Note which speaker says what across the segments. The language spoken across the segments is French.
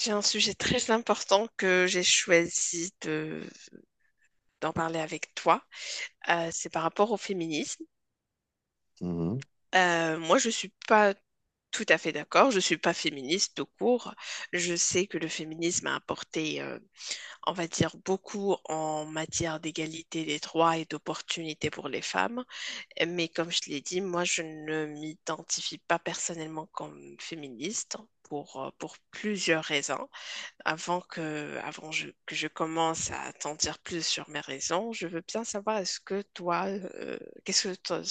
Speaker 1: J'ai un sujet très important que j'ai choisi d'en parler avec toi. C'est par rapport au féminisme.
Speaker 2: Mhm.
Speaker 1: Moi, je suis pas tout à fait d'accord. Je suis pas féministe tout court. Je sais que le féminisme a apporté, on va dire, beaucoup en matière d'égalité des droits et d'opportunités pour les femmes. Mais comme je l'ai dit, moi, je ne m'identifie pas personnellement comme féministe pour plusieurs raisons. Avant que, avant je- que je commence à t'en dire plus sur mes raisons, je veux bien savoir est-ce que toi, qu'est-ce que toi,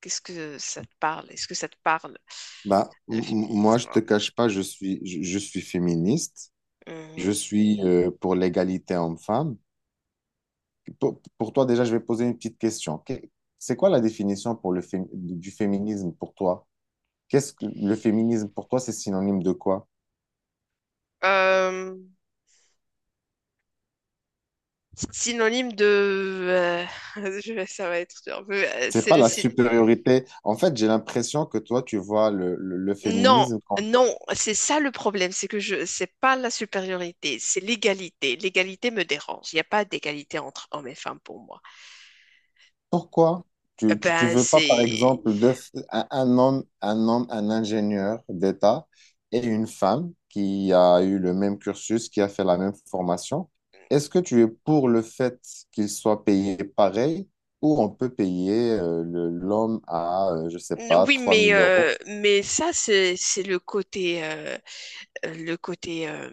Speaker 1: qu'est-ce que ça te parle? Est-ce que ça te parle,
Speaker 2: Bah,
Speaker 1: le
Speaker 2: moi,
Speaker 1: féminisme?
Speaker 2: je te cache pas, je suis féministe. Je
Speaker 1: Mhm.
Speaker 2: suis pour l'égalité homme-femme. Pour toi, déjà, je vais poser une petite question. C'est quoi la définition du féminisme pour toi? Qu'est-ce que le féminisme pour toi, c'est synonyme de quoi?
Speaker 1: Euh, Synonyme de, ça va être dur. mais, euh,
Speaker 2: C'est
Speaker 1: C'est
Speaker 2: pas
Speaker 1: le
Speaker 2: la
Speaker 1: syn-
Speaker 2: supériorité. En fait, j'ai l'impression que toi, tu vois le
Speaker 1: non,
Speaker 2: féminisme.
Speaker 1: non, c'est ça le problème, c'est c'est pas la supériorité, c'est l'égalité. L'égalité me dérange. Il n'y a pas d'égalité entre hommes et femmes pour moi.
Speaker 2: Pourquoi? Tu
Speaker 1: Ben
Speaker 2: veux pas, par
Speaker 1: c'est
Speaker 2: exemple, un ingénieur d'État et une femme qui a eu le même cursus, qui a fait la même formation. Est-ce que tu es pour le fait qu'ils soient payés pareil ou on peut payer l'homme à, je sais pas,
Speaker 1: Oui,
Speaker 2: trois
Speaker 1: mais,
Speaker 2: mille euros?
Speaker 1: ça, c'est le côté, euh, le côté euh,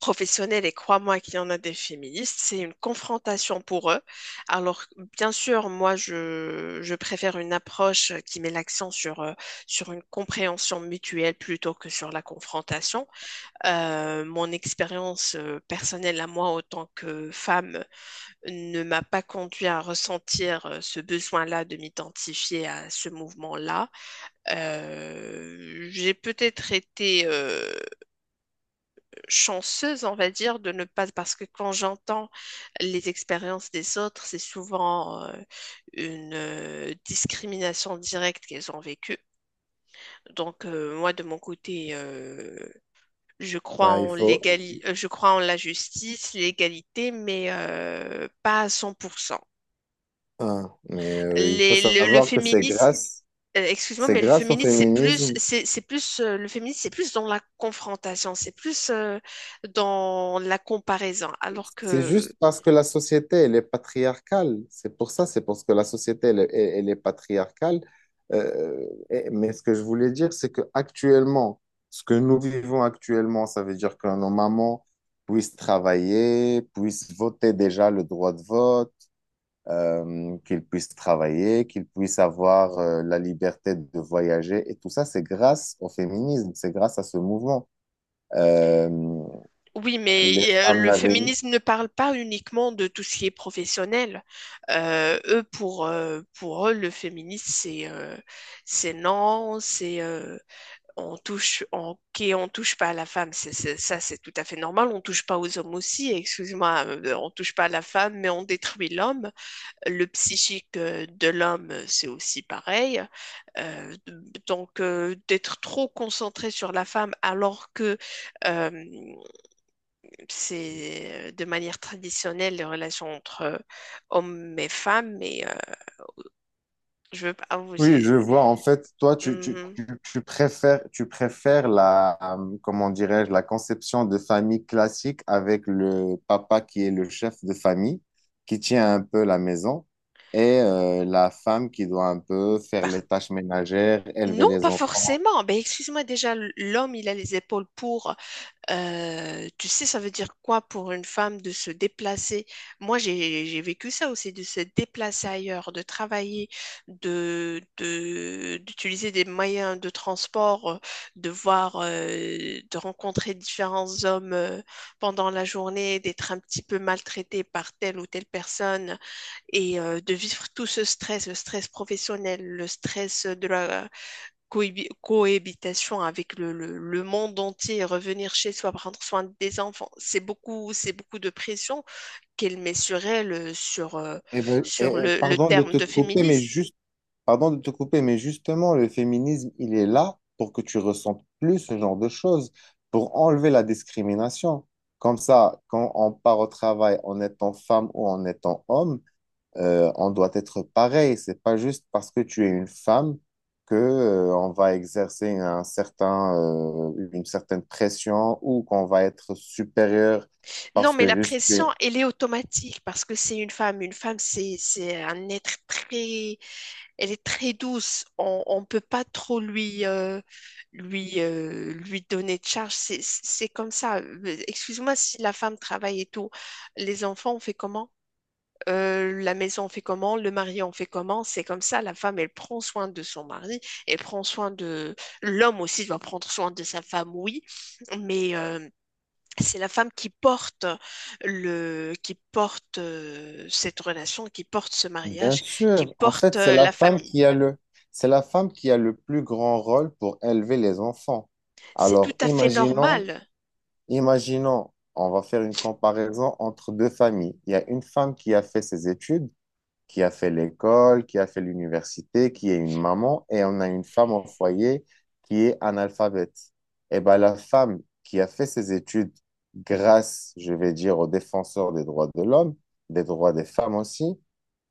Speaker 1: professionnel, et crois-moi qu'il y en a des féministes, c'est une confrontation pour eux. Alors, bien sûr, moi, je préfère une approche qui met l'accent sur une compréhension mutuelle plutôt que sur la confrontation. Mon expérience personnelle à moi, en tant que femme, ne m'a pas conduit à ressentir ce besoin-là de m'identifier à ce mouvement-là. J'ai peut-être été chanceuse, on va dire, de ne pas, parce que quand j'entends les expériences des autres, c'est souvent une discrimination directe qu'elles ont vécue. Donc moi, de mon côté,
Speaker 2: Ben, il faut,
Speaker 1: je crois en la justice, l'égalité, mais pas à 100%.
Speaker 2: hein, mais il faut
Speaker 1: Le
Speaker 2: savoir que c'est
Speaker 1: féminisme,
Speaker 2: grâce,
Speaker 1: excuse-moi,
Speaker 2: c'est
Speaker 1: mais le
Speaker 2: grâce au
Speaker 1: féminisme, c'est plus,
Speaker 2: féminisme.
Speaker 1: c'est plus dans la confrontation, c'est plus dans la comparaison. Alors
Speaker 2: C'est
Speaker 1: que,
Speaker 2: juste parce que la société, elle est patriarcale. C'est pour ça, c'est parce que la société, elle est patriarcale. Mais ce que je voulais dire, c'est que actuellement, ce que nous vivons actuellement, ça veut dire que nos mamans puissent travailler, puissent voter déjà le droit de vote, qu'ils puissent travailler, qu'ils puissent avoir, la liberté de voyager. Et tout ça, c'est grâce au féminisme, c'est grâce à ce mouvement. Euh,
Speaker 1: oui, mais
Speaker 2: les femmes
Speaker 1: le
Speaker 2: n'avaient.
Speaker 1: féminisme ne parle pas uniquement de tout ce qui est professionnel. Pour eux, le féminisme, c'est non, c'est on touche, ok, on touche pas à la femme, ça, c'est tout à fait normal. On touche pas aux hommes aussi, excuse-moi, on touche pas à la femme, mais on détruit l'homme. Le psychique de l'homme, c'est aussi pareil. Euh, donc, d'être trop concentré sur la femme alors que euh, c'est de manière traditionnelle les relations entre hommes et femmes, mais je veux pas
Speaker 2: Oui, je vois. En fait, toi, tu, tu,
Speaker 1: Hum,
Speaker 2: tu, tu préfères, tu préfères la, comment dirais-je, la conception de famille classique avec le papa qui est le chef de famille, qui tient un peu la maison, et la femme qui doit un peu faire les
Speaker 1: par-
Speaker 2: tâches ménagères, élever
Speaker 1: non,
Speaker 2: les
Speaker 1: pas
Speaker 2: enfants.
Speaker 1: forcément. Ben, excuse-moi, déjà, l'homme, il a les épaules pour. Tu sais, ça veut dire quoi pour une femme de se déplacer? Moi, j'ai vécu ça aussi, de se déplacer ailleurs, de travailler, d'utiliser des moyens de transport, de voir, de rencontrer différents hommes pendant la journée, d'être un petit peu maltraitée par telle ou telle personne et de vivre tout ce stress, le stress professionnel, le stress de la cohabitation avec le monde entier, revenir chez soi, prendre soin des enfants. C'est beaucoup de pression qu'elle met sur elle,
Speaker 2: Eh ben,
Speaker 1: sur
Speaker 2: eh, eh,
Speaker 1: le
Speaker 2: pardon de
Speaker 1: terme
Speaker 2: te
Speaker 1: de
Speaker 2: couper, mais
Speaker 1: féminisme.
Speaker 2: juste pardon de te couper, mais justement, le féminisme, il est là pour que tu ressentes plus ce genre de choses, pour enlever la discrimination. Comme ça, quand on part au travail en étant femme ou en étant homme, on doit être pareil. C'est pas juste parce que tu es une femme que, on va exercer une certaine pression ou qu'on va être supérieur
Speaker 1: Non,
Speaker 2: parce
Speaker 1: mais
Speaker 2: que
Speaker 1: la
Speaker 2: juste tu
Speaker 1: pression,
Speaker 2: es.
Speaker 1: elle est automatique parce que c'est une femme. Une femme, c'est un être très, elle est très douce. On ne peut pas trop lui donner de charge. C'est comme ça. Excuse-moi si la femme travaille et tout. Les enfants, on fait comment? La maison, on fait comment? Le mari en fait comment? C'est comme ça, la femme, elle prend soin de son mari, elle prend soin de... L'homme aussi doit prendre soin de sa femme, oui, mais c'est la femme qui porte le... qui porte cette relation, qui porte ce
Speaker 2: Bien
Speaker 1: mariage, qui
Speaker 2: sûr, en
Speaker 1: porte
Speaker 2: fait,
Speaker 1: la famille.
Speaker 2: c'est la femme qui a le plus grand rôle pour élever les enfants.
Speaker 1: C'est tout
Speaker 2: Alors,
Speaker 1: à fait normal.
Speaker 2: imaginons, on va faire une comparaison entre deux familles. Il y a une femme qui a fait ses études, qui a fait l'école, qui a fait l'université, qui est une maman, et on a une femme au foyer qui est analphabète. Eh bien, la femme qui a fait ses études grâce, je vais dire, aux défenseurs des droits de l'homme, des droits des femmes aussi,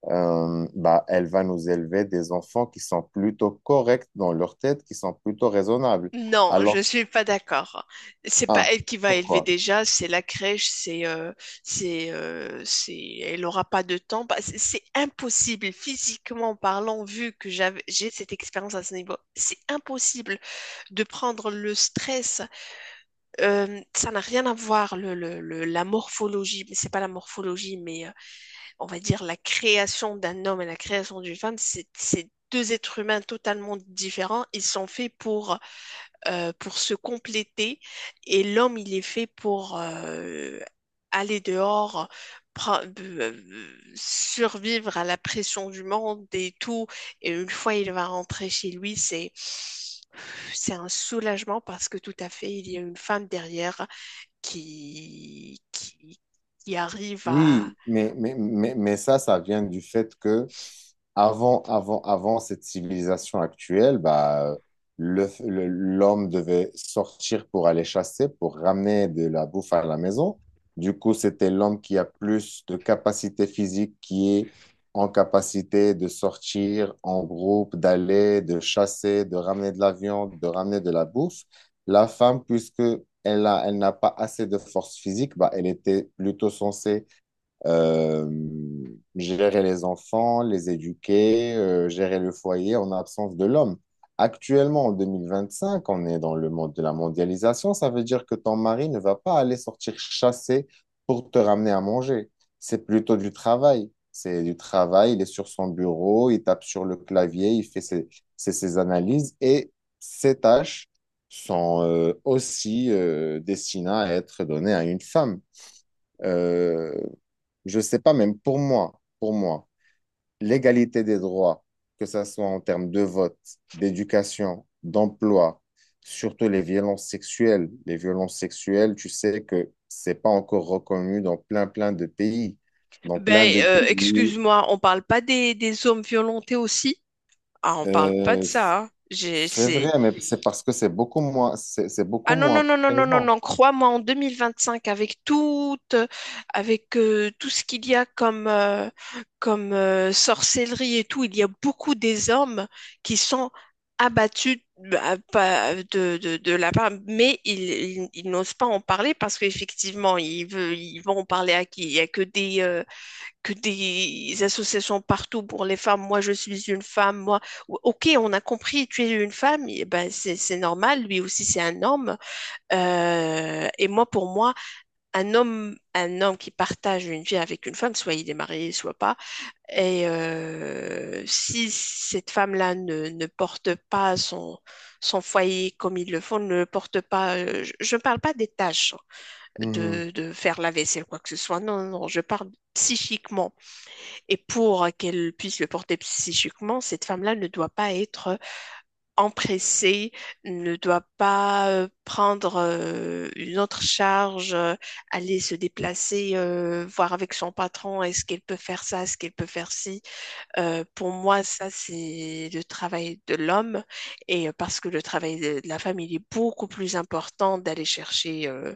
Speaker 2: bah, elle va nous élever des enfants qui sont plutôt corrects dans leur tête, qui sont plutôt raisonnables.
Speaker 1: Non, je
Speaker 2: Alors,
Speaker 1: suis pas d'accord. C'est pas
Speaker 2: ah,
Speaker 1: elle qui va élever
Speaker 2: pourquoi?
Speaker 1: déjà, c'est la crèche, c'est c'est elle aura pas de temps. Bah, c'est impossible physiquement parlant vu que j'ai cette expérience à ce niveau. C'est impossible de prendre le stress. Ça n'a rien à voir la morphologie, mais c'est pas la morphologie, mais on va dire la création d'un homme et la création d'une femme, c'est deux êtres humains totalement différents. Ils sont faits pour se compléter. Et l'homme, il est fait pour aller dehors, survivre à la pression du monde et tout. Et une fois il va rentrer chez lui, c'est un soulagement parce que tout à fait, il y a une femme derrière qui, qui, qui arrive à...
Speaker 2: Oui, mais ça, ça, vient du fait que avant cette civilisation actuelle, bah, l'homme devait sortir pour aller chasser, pour ramener de la bouffe à la maison. Du coup, c'était l'homme qui a plus de capacité physique, qui est en capacité de sortir en groupe, d'aller, de chasser, de ramener de la viande, de ramener de la bouffe. La femme, puisque elle n'a pas assez de force physique, bah, elle était plutôt censée euh, gérer les enfants, les éduquer, gérer le foyer en absence de l'homme. Actuellement, en 2025, on est dans le monde de la mondialisation. Ça veut dire que ton mari ne va pas aller sortir chasser pour te ramener à manger. C'est plutôt du travail. C'est du travail, il est sur son bureau, il tape sur le clavier, il fait ses analyses et ses tâches sont aussi destinées à être données à une femme. Euh, je ne sais pas, même pour moi, l'égalité des droits, que ce soit en termes de vote, d'éducation, d'emploi, surtout les violences sexuelles. Les violences sexuelles, tu sais que c'est pas encore reconnu dans plein, plein de pays. Dans plein
Speaker 1: Ben,
Speaker 2: de pays,
Speaker 1: excuse-moi, on parle pas des hommes violentés aussi? Ah, on parle pas de
Speaker 2: euh,
Speaker 1: ça, hein.
Speaker 2: c'est vrai, mais c'est parce que c'est
Speaker 1: Ah
Speaker 2: beaucoup
Speaker 1: non, non,
Speaker 2: moins
Speaker 1: non, non, non, non,
Speaker 2: présent.
Speaker 1: non, crois-moi, en 2025 avec tout ce qu'il y a comme, sorcellerie et tout, il y a beaucoup des hommes qui sont abattus bah, de la part, mais ils n'osent pas en parler parce qu'effectivement, ils vont en parler à qui? Il y a que que des associations partout pour les femmes. Moi, je suis une femme, moi. Ok, on a compris, tu es une femme, et ben, c'est normal, lui aussi, c'est un homme. Et moi, pour moi, un homme qui partage une vie avec une femme, soit il est marié, soit pas, et si cette femme-là ne porte pas son foyer comme ils le font, ne porte pas, je ne parle pas des tâches hein,
Speaker 2: Mhm.
Speaker 1: de, faire la vaisselle, quoi que ce soit, non, non, non, je parle psychiquement. Et pour qu'elle puisse le porter psychiquement, cette femme-là ne doit pas être empressé, ne doit pas prendre une autre charge, aller se déplacer, voir avec son patron, est-ce qu'elle peut faire ça, est-ce qu'elle peut faire ci. Pour moi, ça, c'est le travail de l'homme et parce que le travail de la femme, il est beaucoup plus important d'aller chercher euh,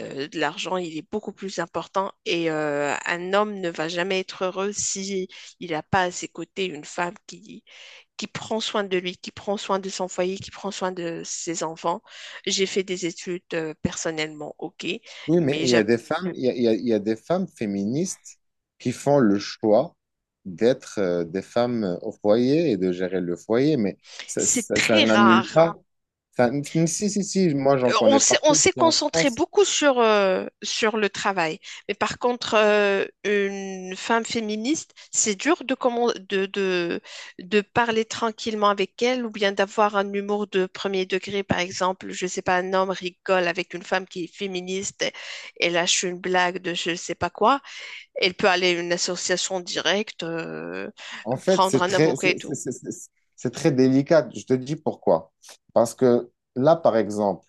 Speaker 1: euh, de l'argent, il est beaucoup plus important et un homme ne va jamais être heureux si il n'a pas à ses côtés une femme qui prend soin de lui, qui prend soin de son foyer, qui prend soin de ses enfants. J'ai fait des études personnellement, ok,
Speaker 2: Oui, mais
Speaker 1: mais j'a-
Speaker 2: il y a des femmes féministes qui font le choix d'être des femmes au foyer et de gérer le foyer, mais ça,
Speaker 1: c'est
Speaker 2: ça
Speaker 1: très
Speaker 2: n'annule
Speaker 1: rare, hein.
Speaker 2: pas. ça- Si, si, si, moi j'en connais
Speaker 1: On
Speaker 2: partout
Speaker 1: s'est
Speaker 2: ici en
Speaker 1: concentré
Speaker 2: France.
Speaker 1: beaucoup sur le travail, mais par contre, une femme féministe, c'est dur de, comment, de parler tranquillement avec elle ou bien d'avoir un humour de premier degré, par exemple. Je sais pas, un homme rigole avec une femme qui est féministe et lâche une blague de je sais pas quoi. Elle peut aller à une association directe,
Speaker 2: En fait,
Speaker 1: prendre un avocat et tout.
Speaker 2: c'est très délicat. Je te dis pourquoi. Parce que là, par exemple,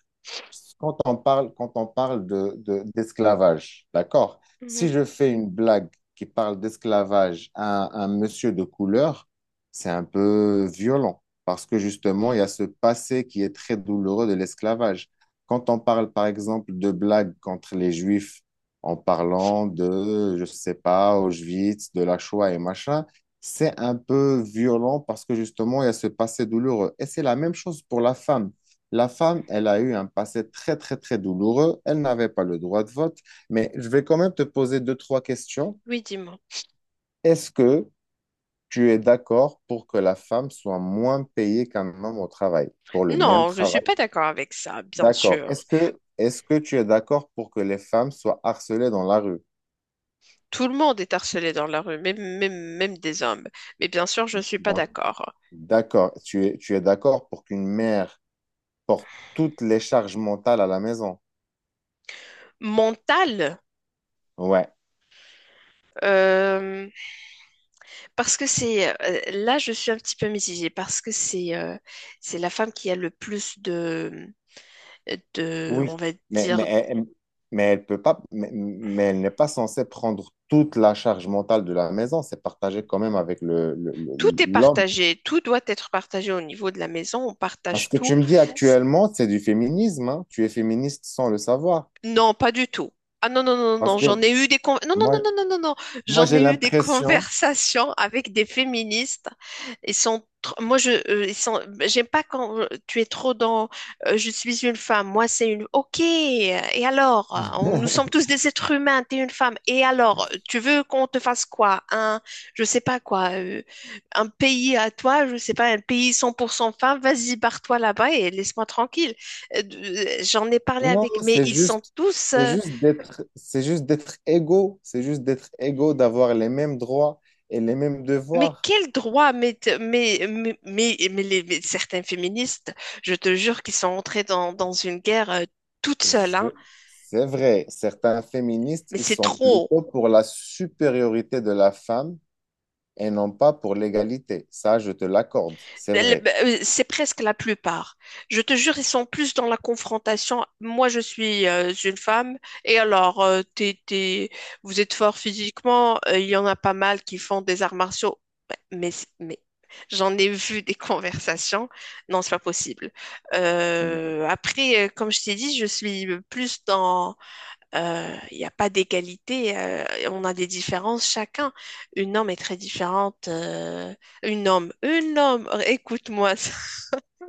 Speaker 2: quand on parle d'esclavage, d'accord? Si
Speaker 1: Mhm.
Speaker 2: je fais une blague qui parle d'esclavage à un monsieur de couleur, c'est un peu violent parce que justement, il y a ce passé qui est très douloureux de l'esclavage. Quand on parle, par exemple, de blagues contre les juifs en parlant de, je sais pas, Auschwitz, de la Shoah et machin, c'est un peu violent parce que justement, il y a ce passé douloureux. Et c'est la même chose pour la femme. La femme, elle a eu un passé très, très, très douloureux. Elle n'avait pas le droit de vote. Mais je vais quand même te poser deux, trois questions.
Speaker 1: Oui, dis-moi.
Speaker 2: Est-ce que tu es d'accord pour que la femme soit moins payée qu'un homme au travail, pour le même
Speaker 1: Non, je ne suis
Speaker 2: travail?
Speaker 1: pas d'accord avec ça, bien
Speaker 2: D'accord.
Speaker 1: sûr.
Speaker 2: Est-ce que tu es d'accord pour que les femmes soient harcelées dans la rue?
Speaker 1: Tout le monde est harcelé dans la rue, même, même, même des hommes. Mais bien sûr, je ne suis pas
Speaker 2: Donc,
Speaker 1: d'accord.
Speaker 2: d'accord. Tu es d'accord pour qu'une mère porte toutes les charges mentales à la maison?
Speaker 1: Mental,
Speaker 2: Ouais.
Speaker 1: euh, parce que c'est... Là, je suis un petit peu mitigée, parce que c'est la femme qui a le plus de...
Speaker 2: Oui,
Speaker 1: On va
Speaker 2: mais, mais,
Speaker 1: dire...
Speaker 2: elle, mais elle peut pas, mais elle n'est pas censée prendre toute la charge mentale de la maison, c'est partagé quand même avec
Speaker 1: Tout est
Speaker 2: l'homme.
Speaker 1: partagé, tout doit être partagé au niveau de la maison, on
Speaker 2: Parce
Speaker 1: partage
Speaker 2: que tu
Speaker 1: tout.
Speaker 2: me dis actuellement, c'est du féminisme, hein. Tu es féministe sans le savoir.
Speaker 1: Non, pas du tout. Ah non, non, non,
Speaker 2: Parce
Speaker 1: non, j'en
Speaker 2: que
Speaker 1: ai eu des con- non, non,
Speaker 2: moi,
Speaker 1: non, non, non, non, non.
Speaker 2: moi
Speaker 1: J'en
Speaker 2: j'ai
Speaker 1: ai eu des
Speaker 2: l'impression,
Speaker 1: conversations avec des féministes. Ils sont tr- moi je ils sont j'aime pas quand tu es trop dans je suis une femme, moi c'est une OK, et alors nous sommes tous des êtres humains, t'es une femme. Et alors, tu veux qu'on te fasse quoi? Un je sais pas quoi, un pays à toi, je sais pas, un pays 100% femme, vas-y, barre-toi là-bas et laisse-moi tranquille euh, j'en ai parlé
Speaker 2: non,
Speaker 1: avec, mais ils sont tous.
Speaker 2: c'est juste d'être égaux, d'avoir les mêmes droits et les mêmes
Speaker 1: Mais
Speaker 2: devoirs.
Speaker 1: quel droit, mais certains féministes, je te jure qu'ils sont entrés dans une guerre toutes seules,
Speaker 2: Je.
Speaker 1: hein.
Speaker 2: C'est vrai, certains féministes,
Speaker 1: Mais
Speaker 2: ils
Speaker 1: c'est
Speaker 2: sont
Speaker 1: trop.
Speaker 2: plutôt pour la supériorité de la femme et non pas pour l'égalité. Ça, je te l'accorde, c'est vrai.
Speaker 1: C'est presque la plupart. Je te jure, ils sont plus dans la confrontation. Moi, je suis une femme, et alors, vous êtes fort physiquement. Il y en a pas mal qui font des arts martiaux. Ben, mais j'en ai vu des conversations. Non, c'est pas possible. Après, comme je t'ai dit, je suis plus dans il n'y a pas d'égalité, on a des différences chacun. Une homme est très différente. Une homme, écoute-moi ça.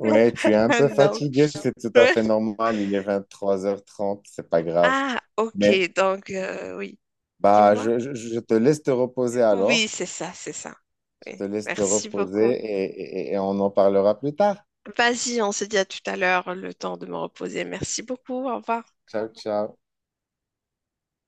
Speaker 2: Ouais, tu es un peu
Speaker 1: Un homme.
Speaker 2: fatigué, c'est tout à fait normal. Il est 23h30, c'est pas grave.
Speaker 1: Ah, ok,
Speaker 2: Mais
Speaker 1: donc oui,
Speaker 2: bah,
Speaker 1: dis-moi.
Speaker 2: je te laisse te reposer
Speaker 1: Oui,
Speaker 2: alors.
Speaker 1: c'est ça, c'est ça.
Speaker 2: Je
Speaker 1: Oui,
Speaker 2: te laisse te
Speaker 1: merci
Speaker 2: reposer
Speaker 1: beaucoup.
Speaker 2: et on en parlera plus tard.
Speaker 1: Vas-y, on se dit à tout à l'heure, le temps de me reposer. Merci beaucoup, au revoir.
Speaker 2: Ciao, ciao.